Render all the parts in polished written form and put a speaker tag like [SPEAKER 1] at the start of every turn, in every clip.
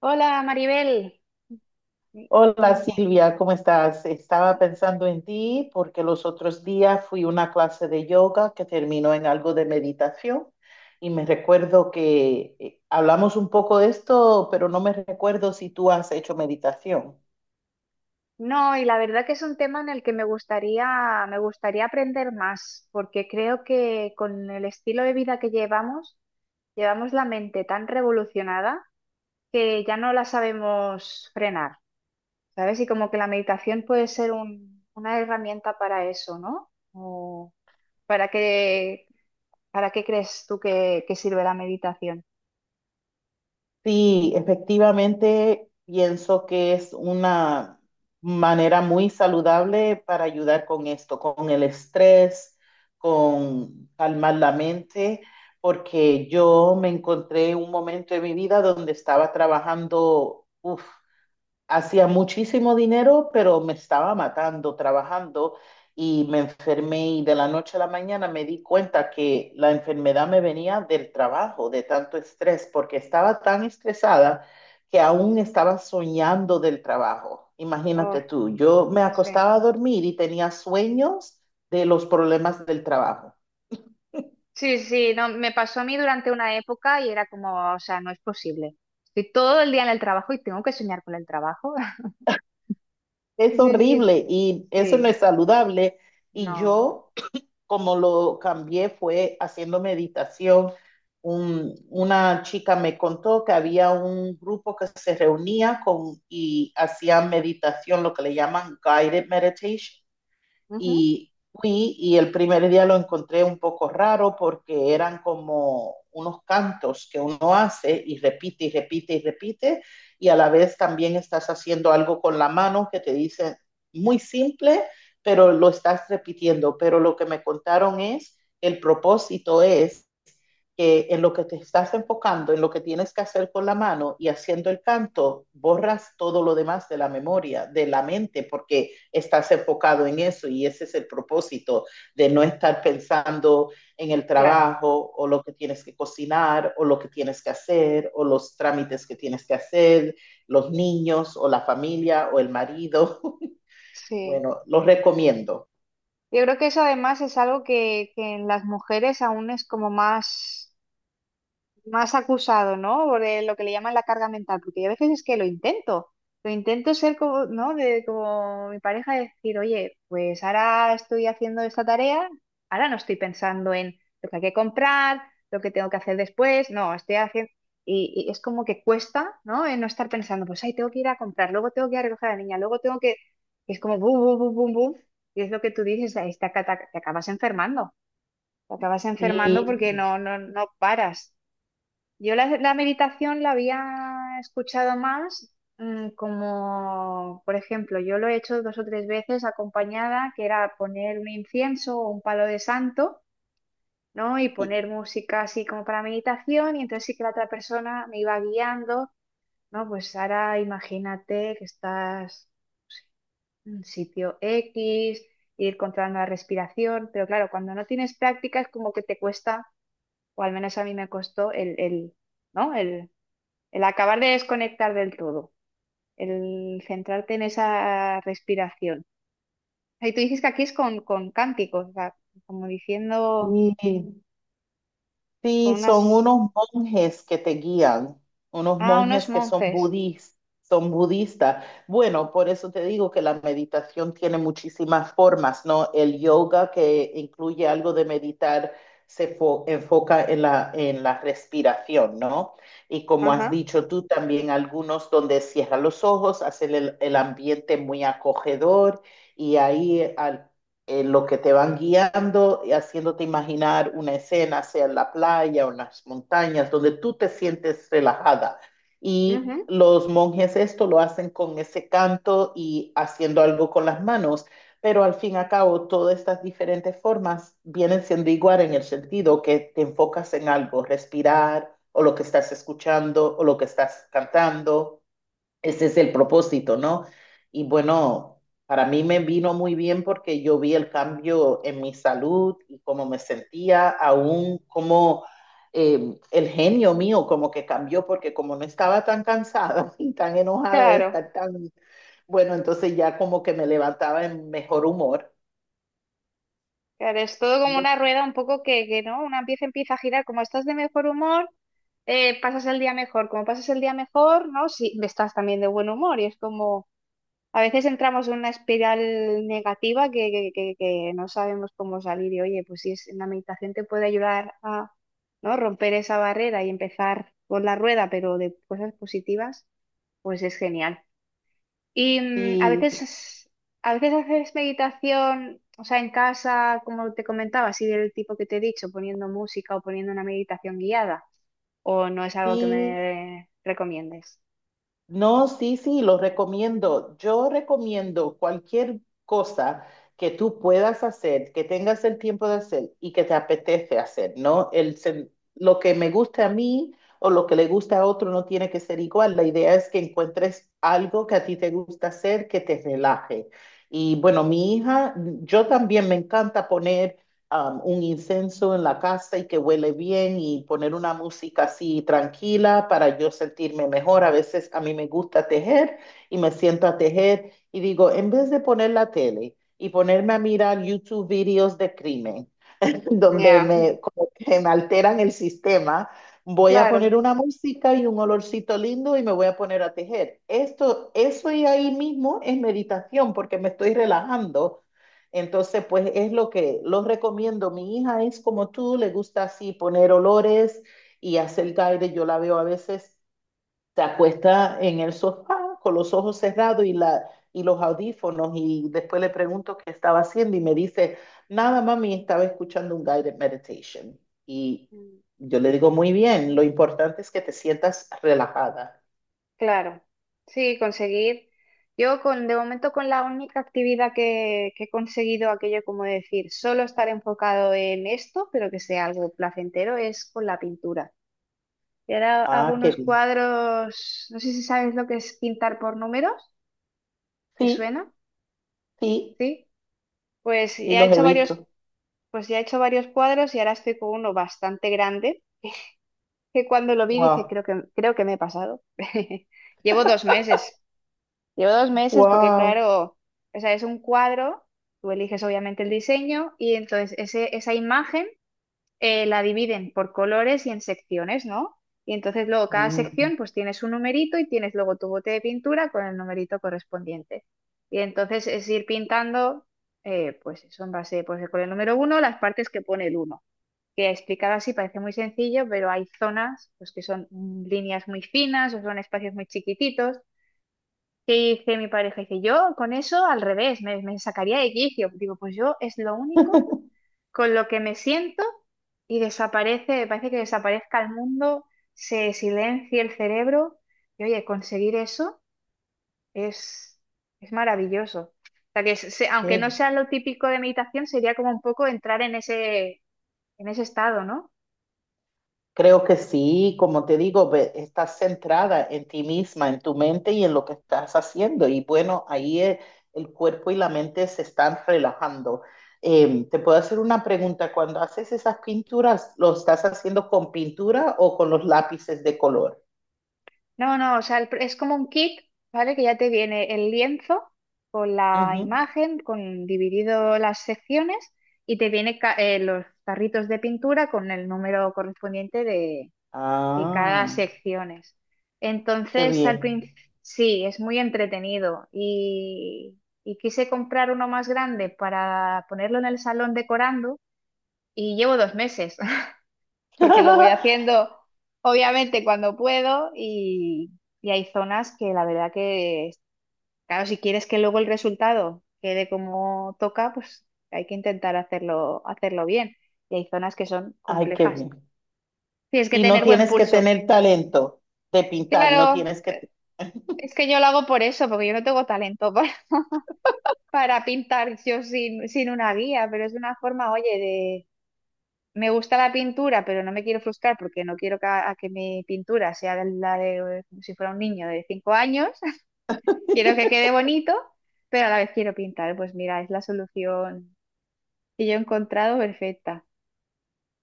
[SPEAKER 1] Hola Maribel.
[SPEAKER 2] Hola
[SPEAKER 1] Mira,
[SPEAKER 2] Silvia, ¿cómo estás? Estaba pensando en ti porque los otros días fui a una clase de yoga que terminó en algo de meditación y me recuerdo que hablamos un poco de esto, pero no me recuerdo si tú has hecho meditación.
[SPEAKER 1] no, y la verdad que es un tema en el que me gustaría aprender más, porque creo que con el estilo de vida que llevamos, llevamos la mente tan revolucionada que ya no la sabemos frenar, ¿sabes? Y como que la meditación puede ser una herramienta para eso, ¿no? O ¿para qué, para qué crees tú que sirve la meditación?
[SPEAKER 2] Sí, efectivamente, pienso que es una manera muy saludable para ayudar con esto, con el estrés, con calmar la mente, porque yo me encontré un momento en mi vida donde estaba trabajando, uf, hacía muchísimo dinero, pero me estaba matando trabajando y me enfermé y de la noche a la mañana me di cuenta que la enfermedad me venía del trabajo, de tanto estrés, porque estaba tan estresada que aún estaba soñando del trabajo.
[SPEAKER 1] Oh,
[SPEAKER 2] Imagínate tú, yo me
[SPEAKER 1] sí.
[SPEAKER 2] acostaba a dormir y tenía sueños de los problemas del trabajo.
[SPEAKER 1] Sí, sí, no, me pasó a mí durante una época y era como, o sea, no es posible. Estoy todo el día en el trabajo y tengo que soñar con el trabajo. Sí,
[SPEAKER 2] Es
[SPEAKER 1] sí,
[SPEAKER 2] horrible y eso no
[SPEAKER 1] sí,
[SPEAKER 2] es saludable. Y
[SPEAKER 1] no.
[SPEAKER 2] yo como lo cambié fue haciendo meditación. Una chica me contó que había un grupo que se reunía con y hacían meditación, lo que le llaman guided meditation,
[SPEAKER 1] Ujú,
[SPEAKER 2] y fui y el primer día lo encontré un poco raro porque eran como unos cantos que uno hace y repite y repite y repite y a la vez también estás haciendo algo con la mano que te dice muy simple, pero lo estás repitiendo. Pero lo que me contaron es, el propósito es que en lo que te estás enfocando, en lo que tienes que hacer con la mano y haciendo el canto, borras todo lo demás de la memoria, de la mente, porque estás enfocado en eso y ese es el propósito de no estar pensando en el
[SPEAKER 1] claro,
[SPEAKER 2] trabajo o lo que tienes que cocinar o lo que tienes que hacer o los trámites que tienes que hacer, los niños o la familia o el marido.
[SPEAKER 1] sí.
[SPEAKER 2] Bueno, los recomiendo.
[SPEAKER 1] Yo creo que eso además es algo que en las mujeres aún es como más... más acusado, ¿no? Por lo que le llaman la carga mental, porque yo a veces es que lo intento ser como, ¿no? De, como mi pareja, decir, oye, pues ahora estoy haciendo esta tarea, ahora no estoy pensando en lo que hay que comprar, lo que tengo que hacer después, no, estoy haciendo... Y es como que cuesta, ¿no? En no estar pensando, pues, ay, tengo que ir a comprar, luego tengo que ir a recoger a la niña, luego tengo que... Es como, bum, bum, bum, bum, bum. Y es lo que tú dices, ahí te acabas enfermando
[SPEAKER 2] Sí,
[SPEAKER 1] porque no paras. Yo la meditación la había escuchado más como, por ejemplo, yo lo he hecho 2 o 3 veces acompañada, que era poner un incienso o un palo de santo, ¿no? Y
[SPEAKER 2] sí.
[SPEAKER 1] poner música así como para meditación, y entonces sí que la otra persona me iba guiando, ¿no? Pues ahora imagínate que estás en sitio X, ir controlando la respiración, pero claro, cuando no tienes práctica es como que te cuesta, o al menos a mí me costó ¿no? El acabar de desconectar del todo, el centrarte en esa respiración. Y tú dices que aquí es con cánticos, o sea, como diciendo
[SPEAKER 2] Sí,
[SPEAKER 1] con
[SPEAKER 2] sí, son
[SPEAKER 1] unas...
[SPEAKER 2] unos monjes que te guían, unos
[SPEAKER 1] Ah, unos
[SPEAKER 2] monjes que son
[SPEAKER 1] monjes.
[SPEAKER 2] budis- son budistas. Bueno, por eso te digo que la meditación tiene muchísimas formas, ¿no? El yoga, que incluye algo de meditar, se enfoca en la respiración, ¿no? Y como has
[SPEAKER 1] Ajá.
[SPEAKER 2] dicho tú, también algunos donde cierra los ojos, hacen el ambiente muy acogedor y ahí al en lo que te van guiando y haciéndote imaginar una escena, sea en la playa o en las montañas, donde tú te sientes relajada. Y
[SPEAKER 1] Ujú.
[SPEAKER 2] los monjes esto lo hacen con ese canto y haciendo algo con las manos, pero al fin y al cabo todas estas diferentes formas vienen siendo igual en el sentido que te enfocas en algo, respirar o lo que estás escuchando o lo que estás cantando. Ese es el propósito, ¿no? Y bueno, para mí me vino muy bien porque yo vi el cambio en mi salud y cómo me sentía, aún como el genio mío como que cambió porque como no estaba tan cansada y tan enojada de
[SPEAKER 1] Claro,
[SPEAKER 2] estar tan, bueno, entonces ya como que me levantaba en mejor humor.
[SPEAKER 1] claro, es todo como una rueda un poco que ¿no? Una pieza empieza a girar, como estás de mejor humor, pasas el día mejor, como pasas el día mejor, ¿no? Sí, estás también de buen humor y es como... A veces entramos en una espiral negativa que no sabemos cómo salir y oye, pues si es, la meditación te puede ayudar a ¿no? romper esa barrera y empezar con la rueda, pero de cosas positivas, pues es genial. Y
[SPEAKER 2] Sí,
[SPEAKER 1] a veces haces meditación, o sea, en casa, como te comentaba, así del tipo que te he dicho, poniendo música o poniendo una meditación guiada, o no es algo que
[SPEAKER 2] sí.
[SPEAKER 1] me recomiendes.
[SPEAKER 2] No, sí, sí, lo recomiendo. Yo recomiendo cualquier cosa que tú puedas hacer, que tengas el tiempo de hacer y que te apetece hacer, ¿no? Lo que me gusta a mí o lo que le gusta a otro no tiene que ser igual. La idea es que encuentres algo que a ti te gusta hacer, que te relaje. Y bueno, mi hija, yo también me encanta poner un incenso en la casa y que huele bien y poner una música así tranquila para yo sentirme mejor. A veces a mí me gusta tejer y me siento a tejer y digo, en vez de poner la tele y ponerme a mirar YouTube videos de crimen, donde
[SPEAKER 1] Ya,
[SPEAKER 2] me, como que me alteran el sistema, voy a
[SPEAKER 1] claro.
[SPEAKER 2] poner una música y un olorcito lindo y me voy a poner a tejer. Esto, eso y ahí mismo es meditación porque me estoy relajando. Entonces, pues es lo que los recomiendo. Mi hija es como tú, le gusta así poner olores y hacer guide. Yo la veo a veces se acuesta en el sofá con los ojos cerrados y los audífonos y después le pregunto qué estaba haciendo y me dice, nada, mami, estaba escuchando un guided meditation. Y yo le digo, muy bien, lo importante es que te sientas relajada.
[SPEAKER 1] Claro, sí, conseguir. Yo con, de momento con la única actividad que he conseguido aquello como decir, solo estar enfocado en esto, pero que sea algo placentero, es con la pintura. Y ahora hago
[SPEAKER 2] Ah, qué
[SPEAKER 1] unos
[SPEAKER 2] bien.
[SPEAKER 1] cuadros, no sé si sabes lo que es pintar por números, ¿te
[SPEAKER 2] Sí,
[SPEAKER 1] suena?
[SPEAKER 2] sí,
[SPEAKER 1] Sí. Pues
[SPEAKER 2] y
[SPEAKER 1] ya he
[SPEAKER 2] los he
[SPEAKER 1] hecho varios,
[SPEAKER 2] visto.
[SPEAKER 1] pues ya he hecho varios cuadros y ahora estoy con uno bastante grande, que cuando lo vi dije,
[SPEAKER 2] Wow,
[SPEAKER 1] creo que me he pasado. Llevo 2 meses. Llevo dos meses porque,
[SPEAKER 2] wow,
[SPEAKER 1] claro, o sea, es un cuadro, tú eliges obviamente el diseño y entonces esa imagen la dividen por colores y en secciones, ¿no? Y entonces luego cada
[SPEAKER 2] mm,
[SPEAKER 1] sección pues tienes un numerito y tienes luego tu bote de pintura con el numerito correspondiente. Y entonces es ir pintando, pues eso en base, pues con el número uno, las partes que pone el uno. Que explicado así parece muy sencillo, pero hay zonas pues que son líneas muy finas o son espacios muy chiquititos que dice mi pareja, dice, yo con eso al revés, me sacaría de quicio. Digo, pues yo es lo único con lo que me siento y desaparece, parece que desaparezca el mundo, se silencia el cerebro y oye, conseguir eso es, es maravilloso. O sea que aunque no
[SPEAKER 2] qué...
[SPEAKER 1] sea lo típico de meditación, sería como un poco entrar en ese estado, ¿no?
[SPEAKER 2] Creo que sí, como te digo, estás centrada en ti misma, en tu mente y en lo que estás haciendo. Y bueno, el cuerpo y la mente se están relajando. Te puedo hacer una pregunta. Cuando haces esas pinturas, ¿lo estás haciendo con pintura o con los lápices de color?
[SPEAKER 1] No, no, o sea, el es como un kit, ¿vale? Que ya te viene el lienzo con la
[SPEAKER 2] Ujú.
[SPEAKER 1] imagen, con dividido las secciones y te viene los tarritos de pintura con el número correspondiente de cada
[SPEAKER 2] Ah,
[SPEAKER 1] secciones.
[SPEAKER 2] qué
[SPEAKER 1] Entonces, al
[SPEAKER 2] bien.
[SPEAKER 1] principio, sí, es muy entretenido y quise comprar uno más grande para ponerlo en el salón decorando y llevo 2 meses, porque lo voy haciendo obviamente cuando puedo y hay zonas que la verdad que, claro, si quieres que luego el resultado quede como toca, pues hay que intentar hacerlo bien. Y hay zonas que son
[SPEAKER 2] Ay, qué
[SPEAKER 1] complejas.
[SPEAKER 2] bien.
[SPEAKER 1] Tienes que
[SPEAKER 2] Y no
[SPEAKER 1] tener buen
[SPEAKER 2] tienes que
[SPEAKER 1] pulso.
[SPEAKER 2] tener talento de pintar, no
[SPEAKER 1] Claro,
[SPEAKER 2] tienes que...
[SPEAKER 1] es que yo lo hago por eso, porque yo no tengo talento para pintar yo sin, sin una guía, pero es una forma, oye, me gusta la pintura, pero no me quiero frustrar porque no quiero que, a que mi pintura sea de la de como si fuera un niño de 5 años. Quiero que quede bonito, pero a la vez quiero pintar. Pues mira, es la solución que yo he encontrado perfecta.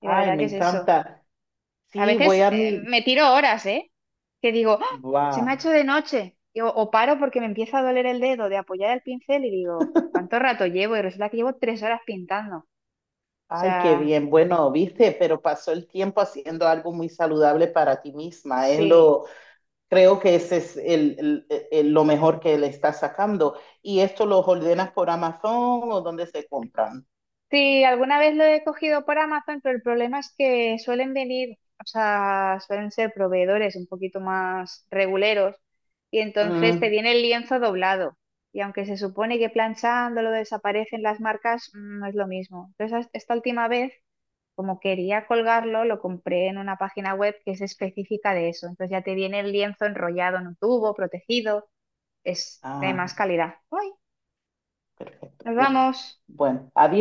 [SPEAKER 1] Y la
[SPEAKER 2] Ay,
[SPEAKER 1] verdad
[SPEAKER 2] me
[SPEAKER 1] que es eso.
[SPEAKER 2] encanta.
[SPEAKER 1] A
[SPEAKER 2] Sí, voy
[SPEAKER 1] veces
[SPEAKER 2] a mi...
[SPEAKER 1] me tiro horas, ¿eh? Que digo, "¡Ah! se me ha
[SPEAKER 2] Wow.
[SPEAKER 1] hecho de noche. Y o paro porque me empieza a doler el dedo de apoyar el pincel y digo, ¿cuánto rato llevo? Y resulta que llevo 3 horas pintando. O
[SPEAKER 2] Ay, qué
[SPEAKER 1] sea,
[SPEAKER 2] bien. Bueno, viste, pero pasó el tiempo haciendo algo muy saludable para ti misma. Es
[SPEAKER 1] sí.
[SPEAKER 2] lo, creo que ese es lo mejor que le estás sacando. ¿Y esto lo ordenas por Amazon o dónde se compran?
[SPEAKER 1] Sí, alguna vez lo he cogido por Amazon, pero el problema es que suelen venir, o sea, suelen ser proveedores un poquito más reguleros y entonces te
[SPEAKER 2] Mm.
[SPEAKER 1] viene el lienzo doblado. Y aunque se supone que planchándolo desaparecen las marcas, no es lo mismo. Entonces, esta última vez, como quería colgarlo, lo compré en una página web que es específica de eso. Entonces ya te viene el lienzo enrollado en un tubo, protegido, es de
[SPEAKER 2] Ah,
[SPEAKER 1] más calidad. ¡Uy!
[SPEAKER 2] perfecto.
[SPEAKER 1] ¡Nos
[SPEAKER 2] Uh.
[SPEAKER 1] vamos!
[SPEAKER 2] Bueno, adiós.